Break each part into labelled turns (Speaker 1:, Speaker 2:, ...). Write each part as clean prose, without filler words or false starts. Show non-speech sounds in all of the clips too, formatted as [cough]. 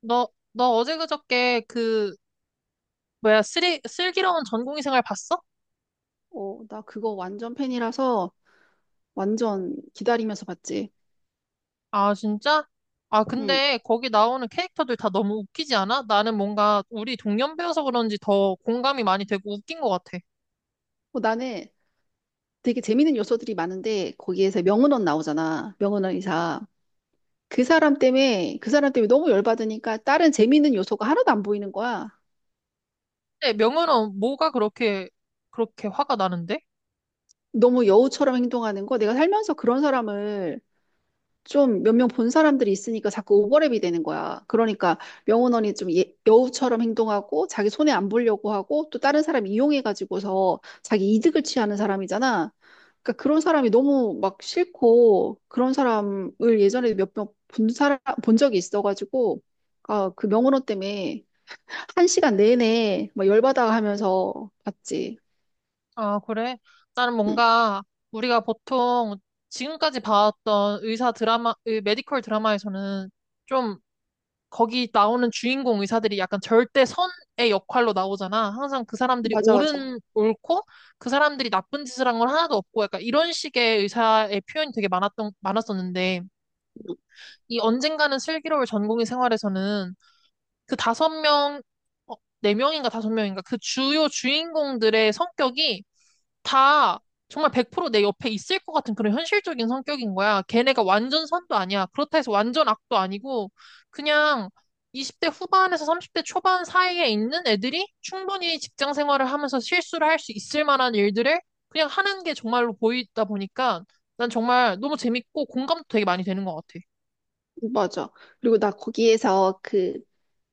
Speaker 1: 너 어제 그저께 그, 뭐야, 슬기로운 전공의 생활 봤어?
Speaker 2: 어, 나 그거 완전 팬이라서 완전 기다리면서 봤지.
Speaker 1: 아, 진짜? 아,
Speaker 2: 응.
Speaker 1: 근데 거기 나오는 캐릭터들 다 너무 웃기지 않아? 나는 뭔가 우리 동년 배여서 그런지 더 공감이 많이 되고 웃긴 것 같아.
Speaker 2: 나는 되게 재밌는 요소들이 많은데 거기에서 명은원 나오잖아. 명은원 이사. 그 사람 때문에 너무 열받으니까 다른 재밌는 요소가 하나도 안 보이는 거야.
Speaker 1: 근데 명은은 뭐가 그렇게, 그렇게 화가 나는데?
Speaker 2: 너무 여우처럼 행동하는 거. 내가 살면서 그런 사람을 좀 몇 명 본 사람들이 있으니까 자꾸 오버랩이 되는 거야. 그러니까 명훈원이 좀 여우처럼 행동하고 자기 손해 안 보려고 하고 또 다른 사람 이용해가지고서 자기 이득을 취하는 사람이잖아. 그러니까 그런 사람이 너무 막 싫고 그런 사람을 예전에 몇 명 본 사람 본 적이 있어가지고 아, 그 명훈원 때문에 한 시간 내내 막 열받아 하면서 봤지.
Speaker 1: 아, 그래? 나는
Speaker 2: 응,
Speaker 1: 뭔가 우리가 보통 지금까지 봐왔던 의사 드라마, 메디컬 드라마에서는 좀 거기 나오는 주인공 의사들이 약간 절대선의 역할로 나오잖아. 항상 그 사람들이
Speaker 2: 맞아, 맞아.
Speaker 1: 옳고, 그 사람들이 나쁜 짓을 한 건 하나도 없고, 약간 이런 식의 의사의 표현이 되게 많았었는데, 이 언젠가는 슬기로울 전공의 생활에서는 그 5명, 어, 네 명인가 다섯 명인가 그 주요 주인공들의 성격이 다 정말 100% 내 옆에 있을 것 같은 그런 현실적인 성격인 거야. 걔네가 완전 선도 아니야. 그렇다 해서 완전 악도 아니고 그냥 20대 후반에서 30대 초반 사이에 있는 애들이 충분히 직장 생활을 하면서 실수를 할 수 있을 만한 일들을 그냥 하는 게 정말로 보이다 보니까 난 정말 너무 재밌고 공감도 되게 많이 되는 것 같아.
Speaker 2: 응, 맞아. 그리고 나 거기에서 그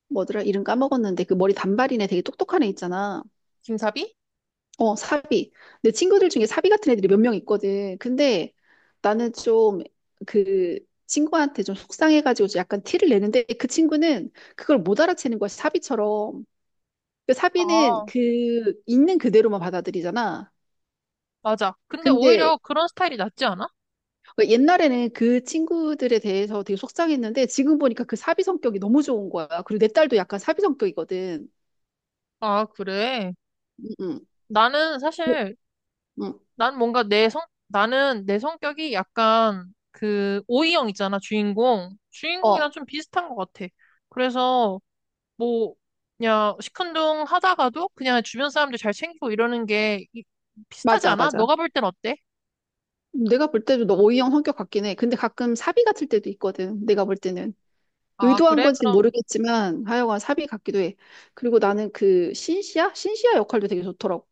Speaker 2: 뭐더라? 이름 까먹었는데 그 머리 단발인 애 되게 똑똑한 애 있잖아.
Speaker 1: 김사비?
Speaker 2: 어, 사비. 내 친구들 중에 사비 같은 애들이 몇 명 있거든. 근데 나는 좀 그 친구한테 좀 속상해가지고 좀 약간 티를 내는데 그 친구는 그걸 못 알아채는 거야, 사비처럼. 그 사비는
Speaker 1: 아,
Speaker 2: 그 있는 그대로만 받아들이잖아.
Speaker 1: 맞아. 근데
Speaker 2: 근데
Speaker 1: 오히려 그런 스타일이 낫지 않아?
Speaker 2: 옛날에는 그 친구들에 대해서 되게 속상했는데 지금 보니까 그 사비 성격이 너무 좋은 거야. 그리고 내 딸도 약간 사비 성격이거든.
Speaker 1: 아, 그래.
Speaker 2: 응, 응,
Speaker 1: 나는 사실
Speaker 2: 응.
Speaker 1: 난 뭔가 나는 내 성격이 약간 그 오이형 있잖아, 주인공. 주인공이랑
Speaker 2: 어,
Speaker 1: 좀 비슷한 것 같아. 그래서 뭐 그냥 시큰둥 하다가도 그냥 주변 사람들 잘 챙기고 이러는 게 비슷하지
Speaker 2: 맞아,
Speaker 1: 않아?
Speaker 2: 맞아.
Speaker 1: 너가 볼 땐 어때?
Speaker 2: 내가 볼 때도 너 O형 성격 같긴 해. 근데 가끔 사비 같을 때도 있거든. 내가 볼 때는.
Speaker 1: 아,
Speaker 2: 의도한
Speaker 1: 그래?
Speaker 2: 건지
Speaker 1: 그럼
Speaker 2: 모르겠지만 하여간 사비 같기도 해. 그리고 나는 그 신시아? 신시아 역할도 되게 좋더라고.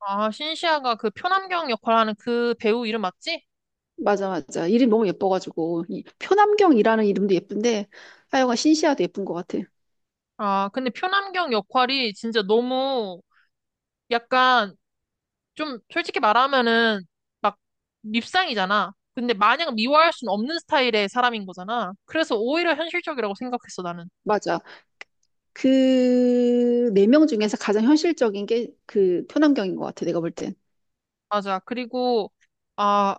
Speaker 1: 아, 신시아가 그 표남경 역할하는 그 배우 이름 맞지?
Speaker 2: 맞아, 맞아. 이름 너무 예뻐가지고. 이 표남경이라는 이름도 예쁜데 하여간 신시아도 예쁜 것 같아.
Speaker 1: 아, 근데 표남경 역할이 진짜 너무 약간 좀 솔직히 말하면은 막 밉상이잖아. 근데 마냥 미워할 순 없는 스타일의 사람인 거잖아. 그래서 오히려 현실적이라고 생각했어, 나는.
Speaker 2: 맞아. 그 네 명 중에서 가장 현실적인 게 그 표남경인 것 같아. 내가 볼 땐.
Speaker 1: 맞아. 그리고, 아,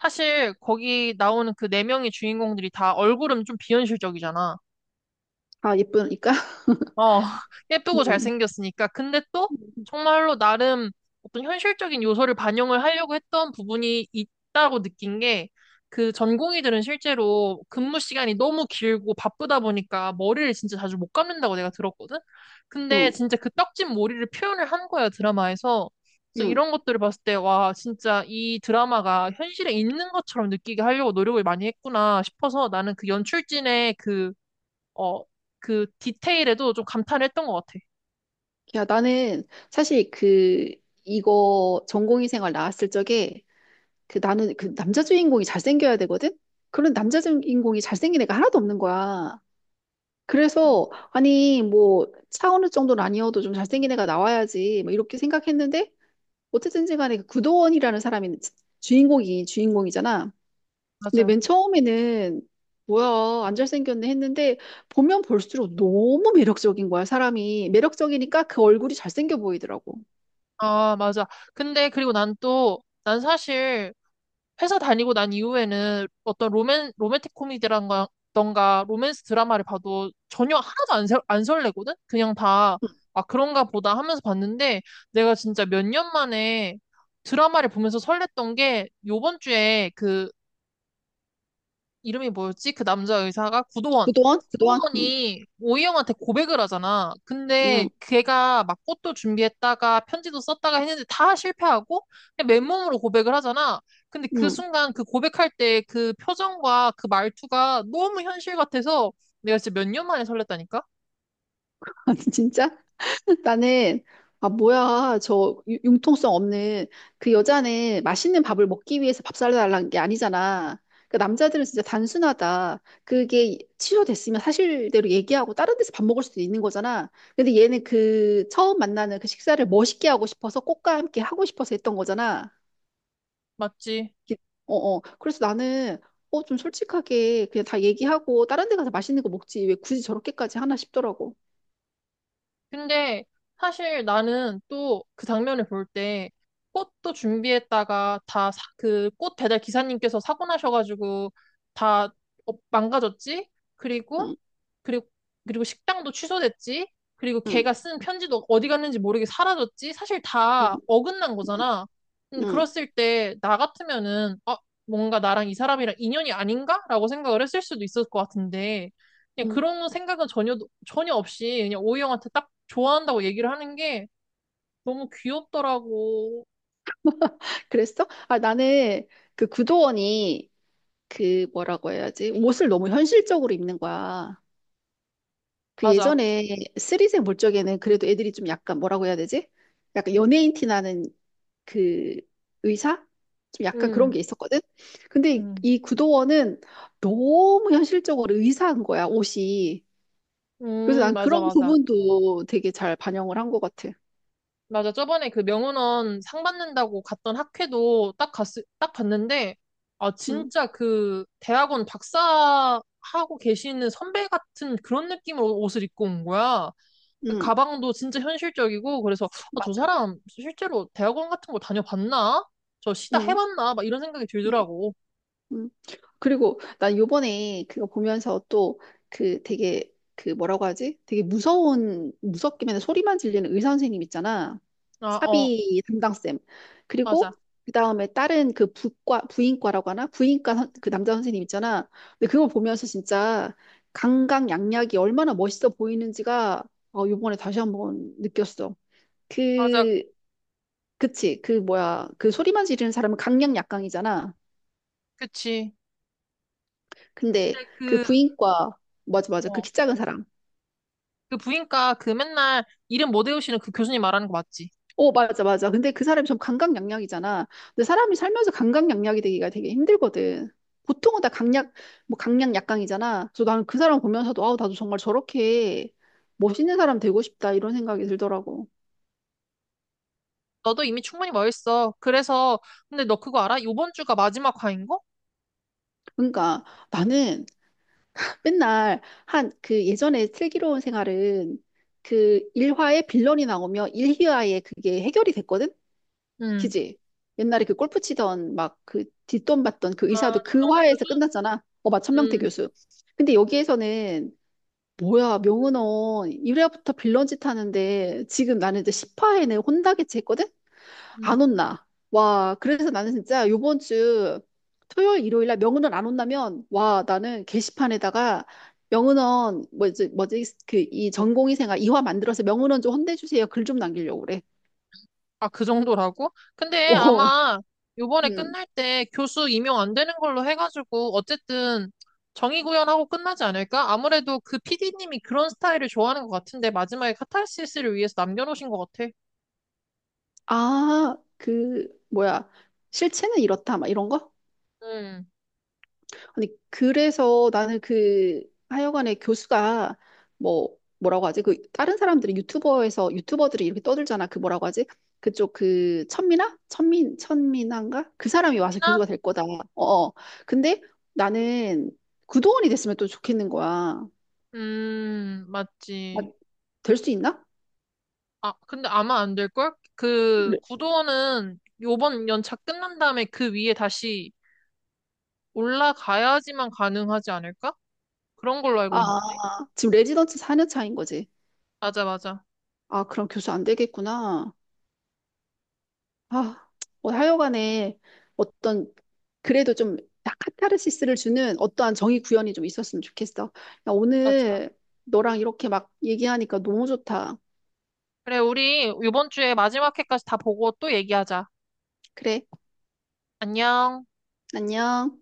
Speaker 1: 사실 거기 나오는 그 네 명의 주인공들이 다 얼굴은 좀 비현실적이잖아.
Speaker 2: 아, 예쁘니까?
Speaker 1: 어, [laughs]
Speaker 2: [laughs]
Speaker 1: 예쁘고
Speaker 2: 응,
Speaker 1: 잘생겼으니까. 근데 또 정말로 나름 어떤 현실적인 요소를 반영을 하려고 했던 부분이 있다고 느낀 게 그 전공의들은 실제로 근무 시간이 너무 길고 바쁘다 보니까 머리를 진짜 자주 못 감는다고 내가 들었거든? 근데
Speaker 2: 응,
Speaker 1: 진짜 그 떡진 머리를 표현을 한 거야, 드라마에서. 그래서
Speaker 2: 응.
Speaker 1: 이런 것들을 봤을 때, 와, 진짜 이 드라마가 현실에 있는 것처럼 느끼게 하려고 노력을 많이 했구나 싶어서 나는 그 연출진의 그 어, 그 디테일에도 좀 감탄했던 것 같아.
Speaker 2: 야, 나는 사실 그, 이거 전공의 생활 나왔을 적에 그 나는 그 남자 주인공이 잘생겨야 되거든? 그런 남자 주인공이 잘생긴 애가 하나도 없는 거야. 그래서, 아니, 뭐, 차은우 정도는 아니어도 좀 잘생긴 애가 나와야지. 뭐, 이렇게 생각했는데, 어쨌든지 간에 그 구도원이라는 사람이 주인공이잖아. 근데
Speaker 1: 맞아.
Speaker 2: 맨 처음에는, 뭐야, 안 잘생겼네 했는데, 보면 볼수록 너무 매력적인 거야, 사람이. 매력적이니까 그 얼굴이 잘생겨 보이더라고.
Speaker 1: 아, 맞아. 근데 그리고 난 또, 난 사실 회사 다니고 난 이후에는 어떤 로맨틱 코미디라던가 던가 로맨스 드라마를 봐도 전혀 하나도 안 설레거든? 그냥 다, 아, 그런가 보다 하면서 봤는데 내가 진짜 몇 년 만에 드라마를 보면서 설렜던 게 요번 주에 그 이름이 뭐였지? 그 남자 의사가 구도원.
Speaker 2: 그동안? 응,
Speaker 1: 구도원이 오이영한테 고백을 하잖아. 근데
Speaker 2: 응,
Speaker 1: 걔가 막 꽃도 준비했다가 편지도 썼다가 했는데 다 실패하고 그냥 맨몸으로 고백을 하잖아. 근데 그
Speaker 2: 응. [laughs]
Speaker 1: 순간 그 고백할 때 그 표정과 그 말투가 너무 현실 같아서 내가 진짜 몇 년 만에 설렜다니까?
Speaker 2: 아, 진짜? [laughs] 나는, 아, 뭐야. 저 융통성 없는 그 여자는 맛있는 밥을 먹기 위해서 밥 사달라는 게 아니잖아. 그 남자들은 진짜 단순하다. 그게 취소됐으면 사실대로 얘기하고 다른 데서 밥 먹을 수도 있는 거잖아. 근데 얘는 그 처음 만나는 그 식사를 멋있게 하고 싶어서 꽃과 함께 하고 싶어서 했던 거잖아.
Speaker 1: 맞지?
Speaker 2: 기- 어, 어. 그래서 나는 좀 솔직하게 그냥 다 얘기하고 다른 데 가서 맛있는 거 먹지. 왜 굳이 저렇게까지 하나 싶더라고.
Speaker 1: 근데 사실 나는 또 그 장면을 볼 때 꽃도 준비했다가 다 그 꽃 배달 기사님께서 사고 나셔가지고 다 어, 망가졌지? 그리고
Speaker 2: 응,
Speaker 1: 그리고 식당도 취소됐지? 그리고
Speaker 2: 응,
Speaker 1: 걔가 쓴 편지도 어디 갔는지 모르게 사라졌지? 사실
Speaker 2: 응,
Speaker 1: 다 어긋난
Speaker 2: 응,
Speaker 1: 거잖아. 근데
Speaker 2: 응.
Speaker 1: 그랬을 때 나 같으면은 아, 뭔가 나랑 이 사람이랑 인연이 아닌가? 라고 생각을 했을 수도 있을 것 같은데 그냥
Speaker 2: 응.
Speaker 1: 그런 생각은 전혀 없이 그냥 오이 형한테 딱 좋아한다고 얘기를 하는 게 너무 귀엽더라고.
Speaker 2: 그랬어? 아, 나는 그 구도원이 그 뭐라고 해야지? 옷을 너무 현실적으로 입는 거야. 그
Speaker 1: 맞아.
Speaker 2: 예전에 쓰리생 볼 적에는 그래도 애들이 좀 약간 뭐라고 해야 되지? 약간 연예인 티 나는 그 의사? 좀 약간 그런
Speaker 1: 음,
Speaker 2: 게 있었거든? 근데
Speaker 1: 음,
Speaker 2: 이 구도원은 너무 현실적으로 의사한 거야, 옷이. 그래서 난
Speaker 1: 맞아,
Speaker 2: 그런
Speaker 1: 맞아.
Speaker 2: 부분도 되게 잘 반영을 한 것 같아.
Speaker 1: 맞아. 저번에 그 명은원 상 받는다고 갔던 학회도 딱 봤는데, 아,
Speaker 2: 응,
Speaker 1: 진짜 그 대학원 박사하고 계시는 선배 같은 그런 느낌으로 옷을 입고 온 거야.
Speaker 2: 응,
Speaker 1: 가방도 진짜 현실적이고 그래서 아, 저
Speaker 2: 맞아.
Speaker 1: 사람 실제로 대학원 같은 거 다녀봤나? 저 시다
Speaker 2: 응.
Speaker 1: 해봤나? 막 이런 생각이
Speaker 2: 응.
Speaker 1: 들더라고.
Speaker 2: 음. 그리고 난 요번에 그거 보면서 또 그 되게 그 뭐라고 하지? 되게 무서운 무섭기만 소리만 질리는 의사 선생님 있잖아.
Speaker 1: 아, 어,
Speaker 2: 사비 담당쌤.
Speaker 1: 맞아.
Speaker 2: 그리고 그다음에 다른 그 부과 부인과라고 하나? 부인과 그 남자 선생님 있잖아. 근데 그걸 보면서 진짜 강강약약이 얼마나 멋있어 보이는지가 요번에 다시 한번 느꼈어.
Speaker 1: 맞아.
Speaker 2: 그 그치, 그 뭐야, 그 소리만 지르는 사람은 강약약강이잖아.
Speaker 1: 그치.
Speaker 2: 근데
Speaker 1: 그때
Speaker 2: 그
Speaker 1: 그,
Speaker 2: 부인과, 맞아, 맞아, 그
Speaker 1: 어,
Speaker 2: 키 작은 사람,
Speaker 1: 그 부인과 그 맨날 이름 못 외우시는 그 교수님 말하는 거 맞지?
Speaker 2: 어, 맞아, 맞아, 근데 그 사람이 좀 강강약약이잖아. 근데 사람이 살면서 강강약약이 되기가 되게 힘들거든. 보통은 다 강약, 뭐, 강약 약강이잖아. 그래서 나는 그 사람 보면서도 아우 나도 정말 저렇게 멋있는 사람 되고 싶다 이런 생각이 들더라고.
Speaker 1: 너도 이미 충분히 멋있어. 그래서 근데 너 그거 알아? 요번 주가 마지막 화인 거?
Speaker 2: 그러니까 나는 맨날 한 그 예전에 슬기로운 생활은 그 1화에 빌런이 나오면 1화에 그게 해결이 됐거든.
Speaker 1: 응.
Speaker 2: 그지? 옛날에 그 골프 치던 막 그 뒷돈 받던 그
Speaker 1: 아,
Speaker 2: 의사도 그
Speaker 1: 천명태 교수?
Speaker 2: 화에서 끝났잖아. 어, 마천명태
Speaker 1: 응.
Speaker 2: 교수. 근데 여기에서는 뭐야, 명은원 1회부터 빌런 짓 하는데 지금 나는 이제 10화에는 혼나게지 했거든?
Speaker 1: 응.
Speaker 2: 안 혼나. 와, 그래서 나는 진짜 요번 주 토요일, 일요일 날 명은원 안 혼나면 와, 나는 게시판에다가 명은원 뭐지 뭐지 그 이 전공의생활 이화 만들어서 명은원 좀 혼내주세요 글 좀 남기려고 그래.
Speaker 1: 아, 그 정도라고? 근데
Speaker 2: 오.
Speaker 1: 아마 요번에
Speaker 2: 음.
Speaker 1: 끝날 때 교수 임용 안 되는 걸로 해가지고 어쨌든 정의 구현하고 끝나지 않을까? 아무래도 그 PD님이 그런 스타일을 좋아하는 것 같은데 마지막에 카타르시스를 위해서 남겨놓으신 것 같아.
Speaker 2: 아, 그, 뭐야. 실체는 이렇다, 막 이런 거?
Speaker 1: 음.
Speaker 2: 아니, 그래서 나는 그, 하여간에 교수가, 뭐, 뭐라고 하지? 그, 다른 사람들이 유튜버들이 이렇게 떠들잖아. 그 뭐라고 하지? 그쪽 그, 천민아? 천민아인가? 그 사람이 와서
Speaker 1: 피나?
Speaker 2: 교수가 될 거다. 어, 어. 근데 나는 구도원이 됐으면 또 좋겠는 거야. 아,
Speaker 1: 맞지.
Speaker 2: 될수 있나?
Speaker 1: 아, 근데 아마 안 될걸? 그
Speaker 2: 레-
Speaker 1: 구도는 요번 연차 끝난 다음에 그 위에 다시 올라가야지만 가능하지 않을까? 그런 걸로
Speaker 2: 아,
Speaker 1: 알고 있는데.
Speaker 2: 지금 레지던트 4년 차인 거지.
Speaker 1: 맞아, 맞아.
Speaker 2: 아, 그럼 교수 안 되겠구나. 아, 뭐 하여간에 어떤 그래도 좀 카타르시스를 주는 어떠한 정의 구현이 좀 있었으면 좋겠어. 야,
Speaker 1: 맞아.
Speaker 2: 오늘 너랑 이렇게 막 얘기하니까 너무 좋다.
Speaker 1: 그래, 우리 이번 주에 마지막 회까지 다 보고 또 얘기하자.
Speaker 2: 그래,
Speaker 1: 안녕.
Speaker 2: 안녕.